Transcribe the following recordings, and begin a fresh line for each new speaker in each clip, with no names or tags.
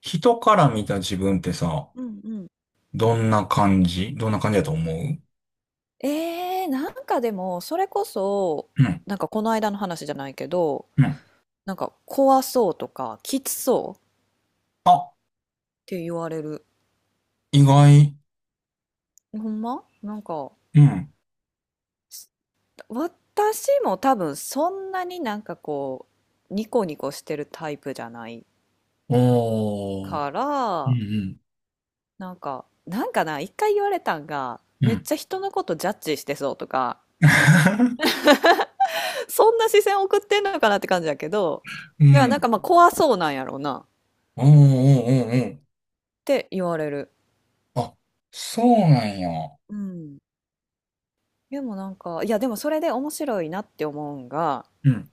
人から見た自分ってさ、
うんうん。
どんな感じだと思う？う
なんかでもそれこそ
ん、
この間の話じゃないけど、
うん。
なんか怖そうとかきつそうっ
あ、
て言われる。
意外。
ほんまなんか
うん。
私も多分そんなになんかこうニコニコしてるタイプじゃない
おー。
か
う
ら、
ん、
なんかな、一回言われたんが
うん、う
めっ
ん。
ちゃ人のことジャッジしてそうとか、 そんな視線送ってんのかなって感じだけど。
う
だからなん
ん。
かまあ怖そうなんやろうなっ
おー、おー、おー、
て言われる。
おー。あ、そうなんや。
うん。でもなんか、いやでもそれで面白いなって思うんが、
うん、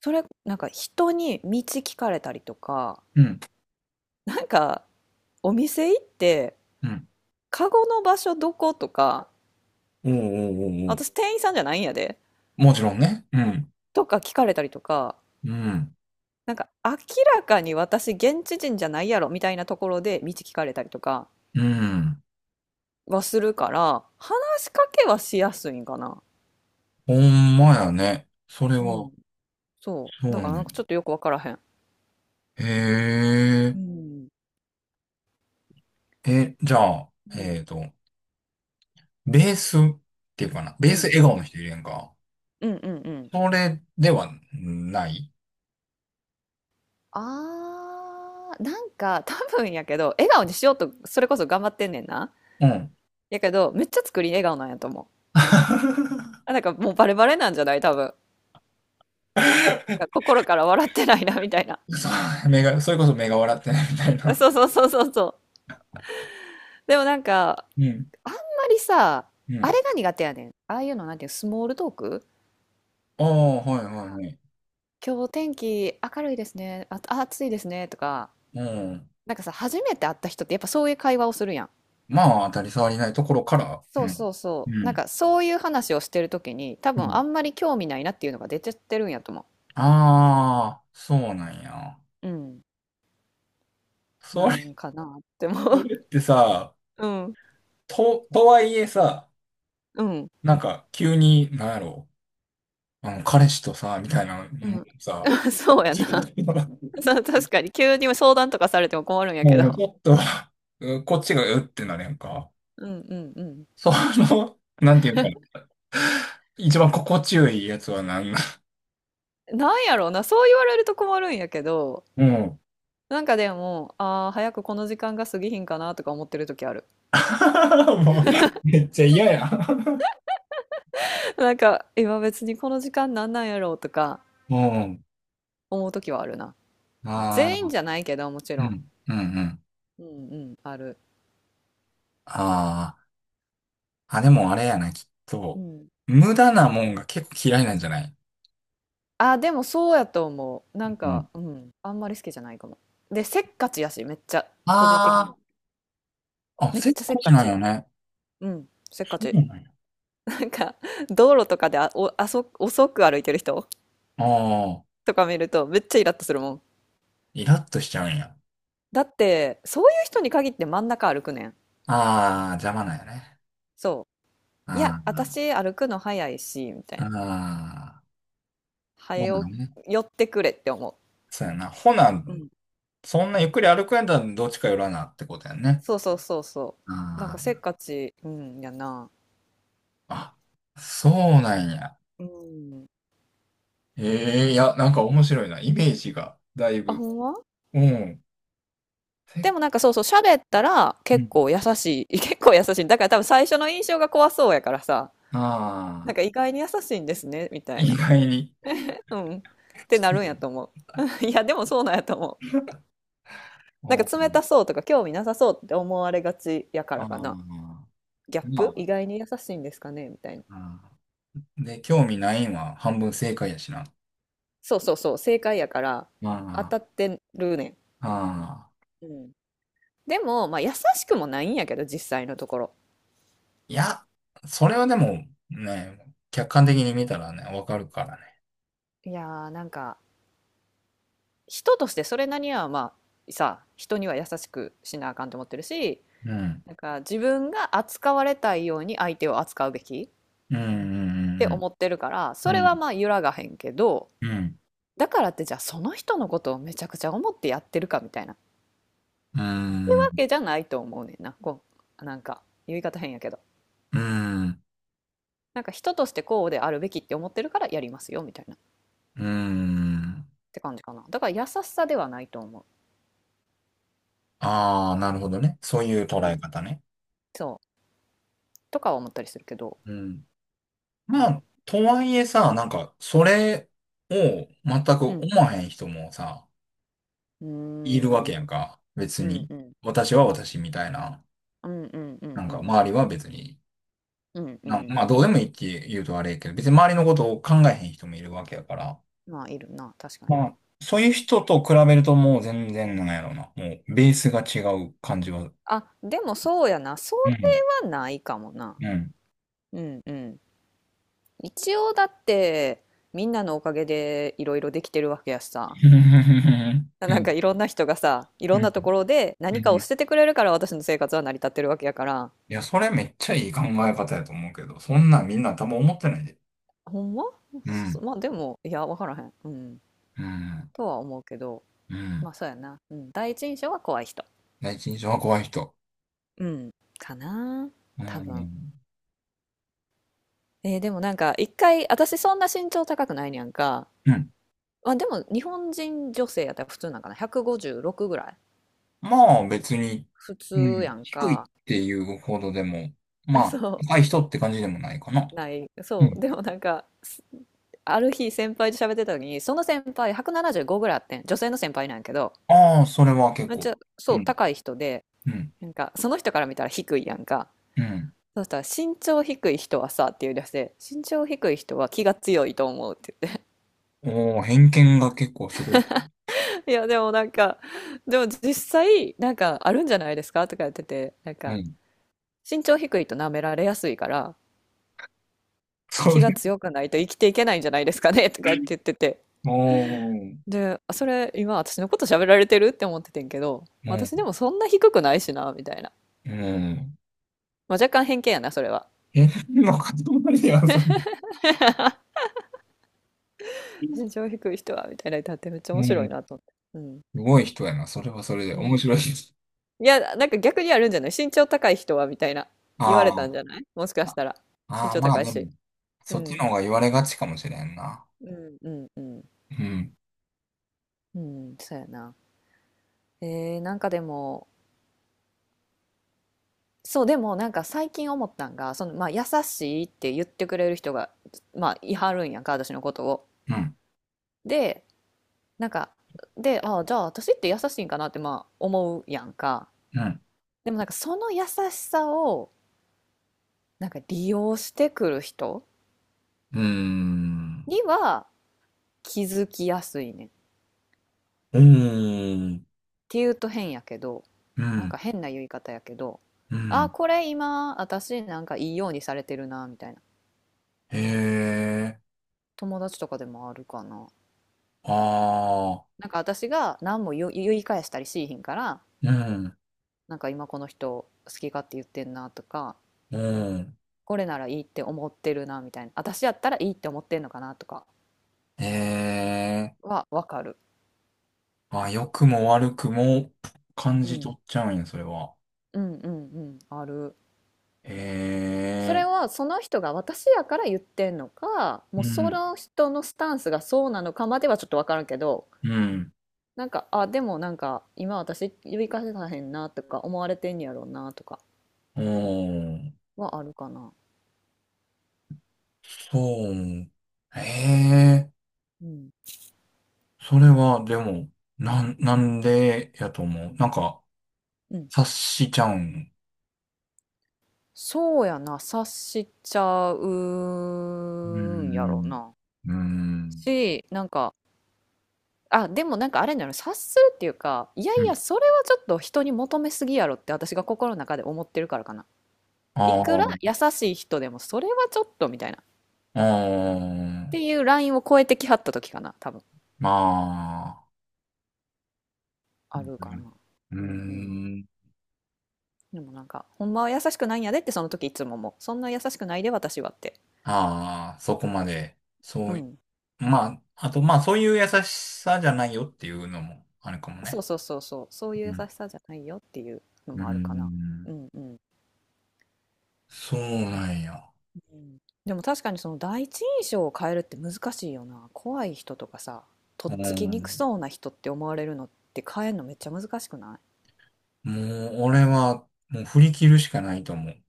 それなんか人に道聞かれたりとか、
うん、
なんかお店行って、
うん。
カゴの場所どことか、
おー、おー、おー、お
私
ー。
店員さんじゃないんやで、
もちろんね。うん、
とか聞かれたりとか、
うん、
なんか明らかに私現地人じゃないやろみたいなところで道聞かれたりとか
うん。
はするから、話しかけはしやすいんかな。
ほんまやね。それ
う
は、
ん。そ
そう
う。だからなん
ね。
かちょっとよくわからへん。
へえ。
うん。
え、じゃあ、
うん。
ベースっていうかな。ベー
う
ス
ん。
笑顔
う
の
ん。
人いるやんか。
うん。うん。うん。
それではない。
あー、なんか多分やけど、笑顔にしようと、それこそ頑張ってんねんな。
うん。
やけど、めっちゃ作り笑顔なんやと思う。あ、なんかもうバレバレなんじゃない多分。なんか心から笑ってないな、みたいな。
そう、目が、それこそ目が笑ってないみたい な。
そうそうそうそうそう。でもなんか、
うん。
あんまりさ、
う
あ
ん。
れが苦手やねん。ああいうの、なんていうの、スモールトーク。
ああ、はいはいはい。
今日天気明るいですね。あ、あ暑いですね。とか、
うん。
なんかさ、初めて会った人ってやっぱそういう会話をするやん。
まあ、当たり障りないところから。う
そう
ん。
そう
う
そう。なん
ん。
かそういう話をしてるときに多
う
分
ん。
あんまり興味ないなっていうのが出ちゃってるんやと思
ああ、そうなんや。
う。うん。
そ
なん
れ、
かなって思
そ
う。
れってさ、
うん。
とはいえさ、
うん。
なんか、急に、なんやろう、あの、彼氏とさ、みたいな、う
う
ん
ん。
さ、
そうやな。そう、確かに急に相談とかされても困るんやけ
もうち
ど。
ょっと、うこっちがうってなれんか。
うんうん
その、なんていうか、一番心地よいやつは何なの？
うん。なんやろうな、そう言われると困るんやけど、
うん。
なんかでも、ああ、早くこの時間が過ぎひんかなとか思ってる時ある。
もう、めっちゃ嫌や。
なんか、今別にこの時間なんなんやろうとか
うん。
思う時はあるな。
ああ、
全員じゃないけど、もち
う
ろん。
ん、うん、うん。
うんうん、ある。
ああ、あ、でもあれやな、きっ
う
と。
ん。
無駄なもんが結構嫌いなんじゃない？
あ、でもそうやと思う。な
う
んか、
ん。
うん。あんまり好きじゃないかも。で、せっかちやし、めっちゃ、個人的に
あ
は。
あ、あ、
めっ
せっ
ちゃせ
か
っ
ち
か
なん
ち。
よね。
うん。せっ
そ
かち。
うなんや。
なんか、道路とかであ、お、あそ、遅く歩いてる人
ああ、
とか見ると、めっちゃイラッとするもん。
イラッとしちゃうんや。
だって、そういう人に限って真ん中歩くねん。
ああ、邪魔なんやね。
そう。いや、
あ
私歩くの早いし、みたい
あ、
な。
ああ、
早
そうな
よ
のね。
寄ってくれって思
そうやな。ほな、
う。うん。
そんなゆっくり歩くんやったらどっちか寄らなってことやね。
そうそうそうそ
あ
う。なんかせ
ー
っかち、うん、やな。
あ、そうなんや。
うん。
ええいや、なんか面白いな。イメージが、だい
あ、
ぶ。
ほんま。
うん。せ
でもなんかそうそう、喋ったら
う
結
ん。
構優しい。結構優しい。だから多分最初の印象が怖そうやからさ、なん
ああ、
か意外に優しいんですね、みたい
意
な。
外に。
うん。ってな
失
るんや
礼。
と思う。いや、でもそうなんやと思う。なん
う
か
ん。
冷たそうとか興味なさそうって思われがちやか
あ
らかな。
あ、
ギャップ意
ま
外に優しいんですかねみたいな。
あ、あーで、興味ないんは半分正解やしな。
そうそうそう、正解やから当
あ
たってるね
あ、ああ。
ん。うん。でも、まあ優しくもないんやけど、実際のところ。
いや、それはでもね、客観的に見たらね、わかるからね。
いやーなんか人としてそれなりにはまあさ、人には優しくしなあかんと思ってるし、
うん。
なんか自分が扱われたいように相手を扱うべきっ
うん、う
て
ん、
思ってるから、
うん、
そ
うん。
れ
う
は
ん、
まあ揺らがへんけど、
うん、
だからってじゃあその人のことをめちゃくちゃ思ってやってるかみたいなっ
うー
て
ん、
わけじゃないと思うねんな。こうなんか言い方変やけど、
うーん、
なんか人としてこうであるべきって思ってるからやりますよみたいなっ
うーん。
て感じかな。だから優しさではないと思う。
ああ、なるほどね。そういう
う
捉え
ん。
方ね。
そうとかは思ったりするけど、
うん。
う
ま
ん、
あ、とはいえさ、なんか、それを全く
うん、
思わへん人もさ、
う
いるわ
ん、う
け
ん、
やんか。別
う
に。
ん、
私は私みたいな。
うんうんう
な
ん
ん
う
か、
ん。
周りは別に。
うんう
なん
ん。
まあ、どうでもいいって言うとあれやけど、別に周りのことを考えへん人もいるわけやから。
まあ、いるな、確かに。
まあ、そういう人と比べるともう全然なんやろうな。もう、ベースが違う感じは。
あ、でもそうやな。そ
うん。
れはないかもな。
うん。
うんうん。一応だって、みんなのおかげでいろいろできてるわけやしさ。
うん、う
なんか
ん、
いろんな人がさ、い
う
ろんな
ん。
ところで
う
何かを
ん、
捨ててくれるから私の生活は成り立ってるわけやから。
いや、それめっちゃいい考え方やと思うけど、そんなんみんな多分思ってないで。
ほんま。
う
そ、
ん、
まあでも、いや、わからへん。うん。
うん、
とは思うけど、
う
ま
ん。
あそうやな。うん。第一印象は怖い人。
第一印象は怖い人。
うん。かな。
う
多分。
ん、
えーでもなんか一回、私そんな身長高くないにゃんか、
うん。
まあ、でも日本人女性やったら普通なんかな、156ぐらい
まあ別に、
普
う
通や
ん、
ん
低いっ
か。
ていうほどでも、ま あ、
そ
高い人って感じでもないかな。
うない、
う
そう
ん。
でもなんかす、ある日先輩と喋ってた時に、その先輩175ぐらいあってん。女性の先輩なんやけど、
ああ、それは結
めっ
構。
ちゃそ
う
う
ん、
高い人で、
うん、
なんかその人から見たら低いやんか。
うん。
そしたら身長低い人はさって言い出して、身長低い人は気が強いと思うって。
おお、偏見が結構すごい。
いや、でもなんか、でも実際、なんかあるんじゃないですかとかやってて、なん
う
か、
ん。
身長低いと舐められやすいから、
そ
気
れ。
が強くないと生きていけないんじゃないですかねとかって言ってて。
おお、
で、あそれ、今私のこと喋られてるって思っててんけど、
う
私で
ん、
もそんな低くないしな、みたいな。
うん。
まあ、若干偏見やな、それは。
え、の塊では、それ。
身長低い人は、みたいな歌ってはってめっちゃ
う
面白
ん。
い
す
なと思って。うん。
ごい人やな。それはそれで
う
面白
ん。
いです。
いや、なんか逆にあるんじゃない身長高い人は、みたいな。言われ
あ
たん
ー
じゃないもしかし
あ、
たら。身
あー、
長
まあ
高い
で
し。
も、
う
そっち
ん。
の方が言われがちかもしれんな。
うん、うん、うん。
うん、
うん、そうやな。なんかでも、そう、でもなんか最近思ったんが、その、まあ、優しいって言ってくれる人が、まあ、いはるんやんか、私のことを。
うん、
で、なんか、で、ああ、じゃあ私って優しいんかなって、まあ、思うやんか。
うん、
でもなんかその優しさを、なんか利用してくる人
うーん、
には気づきやすいねん。っ
うーん、
ていうと変やけど、
う
なんか
ん、
変な言い方やけど、
う
ああ、
ん、
これ今、私なんかいいようにされてるな、みたいな。
へえ、
友達とかでもあるかな。
ああ、
なんか私が何も言い返したりしいひんから、
うん、
なんか今この人好き勝手言ってんなとか、
うん、
これならいいって思ってるなみたいな、私やったらいいって思ってんのかなとか
へえ、
はわかる、
あ、良くも悪くも感
う
じ
ん、
取っちゃうんや、それは。
うんうんうんある。
へ
それ
え、
はその人が私やから言ってんのか、
う
もうそ
ん、
の人のスタンスがそうなのかまではちょっとわからんけど、
うん、
なんかあでもなんか今私言い返せたへんなとか思われてんやろうなとか
おー。
はあるかな。
そう。ええ、
うん
それは、でも、なんでやと思う。なんか、
うん。
察しちゃうん。
そうやな、察しちゃ
うー
うんやろう
ん。
な。
うーん。
し、なんか、あ、でもなんかあれなの、察するっていうか、いや
う
い
ん。
や、それはちょっと人に求めすぎやろって私が心の中で思ってるからかな。
あ
い
あ
くら
ー、
優しい人でも、それはちょっとみたいな。っ
ああ、
ていうラインを超えてきはった時かな、多分。
まあ、
あるかな。
うー
うんうん。
ん。
でもなんか、ほんまは優しくないんやでってその時いつももう、そんな優しくないで私はって。
ああ、そこまで。そ
う
うい、
ん。
まあ、あと、まあ、そういう優しさじゃないよっていうのもあるかも
そう
ね。
そうそうそう、そうい
う
う優
ん。
しさじゃないよっていうの
うー
もあるかな。う
ん。
んうん。
そうなんや。
うん、でも確かにその第一印象を変えるって難しいよな。怖い人とかさ、とっ
う
つきにく
ん。
そうな人って思われるのって変えるのめっちゃ難しくな
もう、俺は、もう振り切るしかないと思う。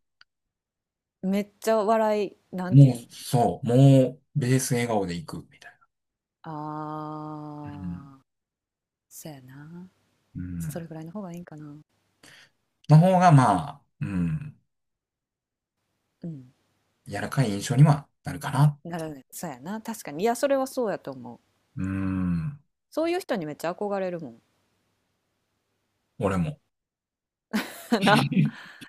い、めっちゃ笑い、なんて
も
いうん、
う、そう、もう、ベース笑顔でいく、みたいな。うん。
あー、そうやな。
う
それ
ん。
ぐらいの方がいいんかな。
の方が、まあ、うん、
うん。
柔らかい印象にはなるかな。
なるね。そうやな。確かに。いや、それはそうやと思う。
うん。
そういう人にめっちゃ憧れるもん。
俺も。
な。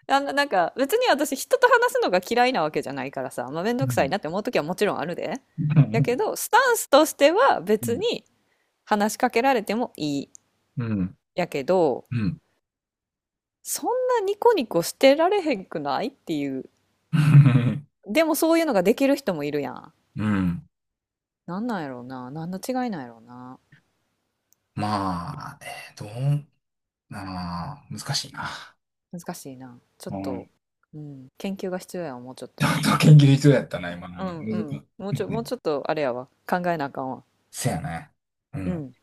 あの、なんか、別に私、人と話すのが嫌いなわけじゃないからさ、まあ、めん
う
どくさい
ん。
なって思う時はもちろんあるで。
う
や
ん。
けど、スタンスとしては
う
別
ん。
に話しかけられてもいい。
うん。
やけど、
うん。
そんなニコニコしてられへんくないっていう。でもそういうのができる人もいるやん。
うん、
なんなんやろうな。何の違いなんやろうな。
まあ、どう、あー、難しいな。
難しいな。ちょっ
う
と、
ん。
うん、研究が必要やわ、もうちょっ
ちょ
と。
っと研究必要やったな、今の
うん
が。
う
難しい。
ん。
う
もう
ん、
ちょっと、あれやわ。考えなあかんわ。
せやね。う
う
ん。
ん。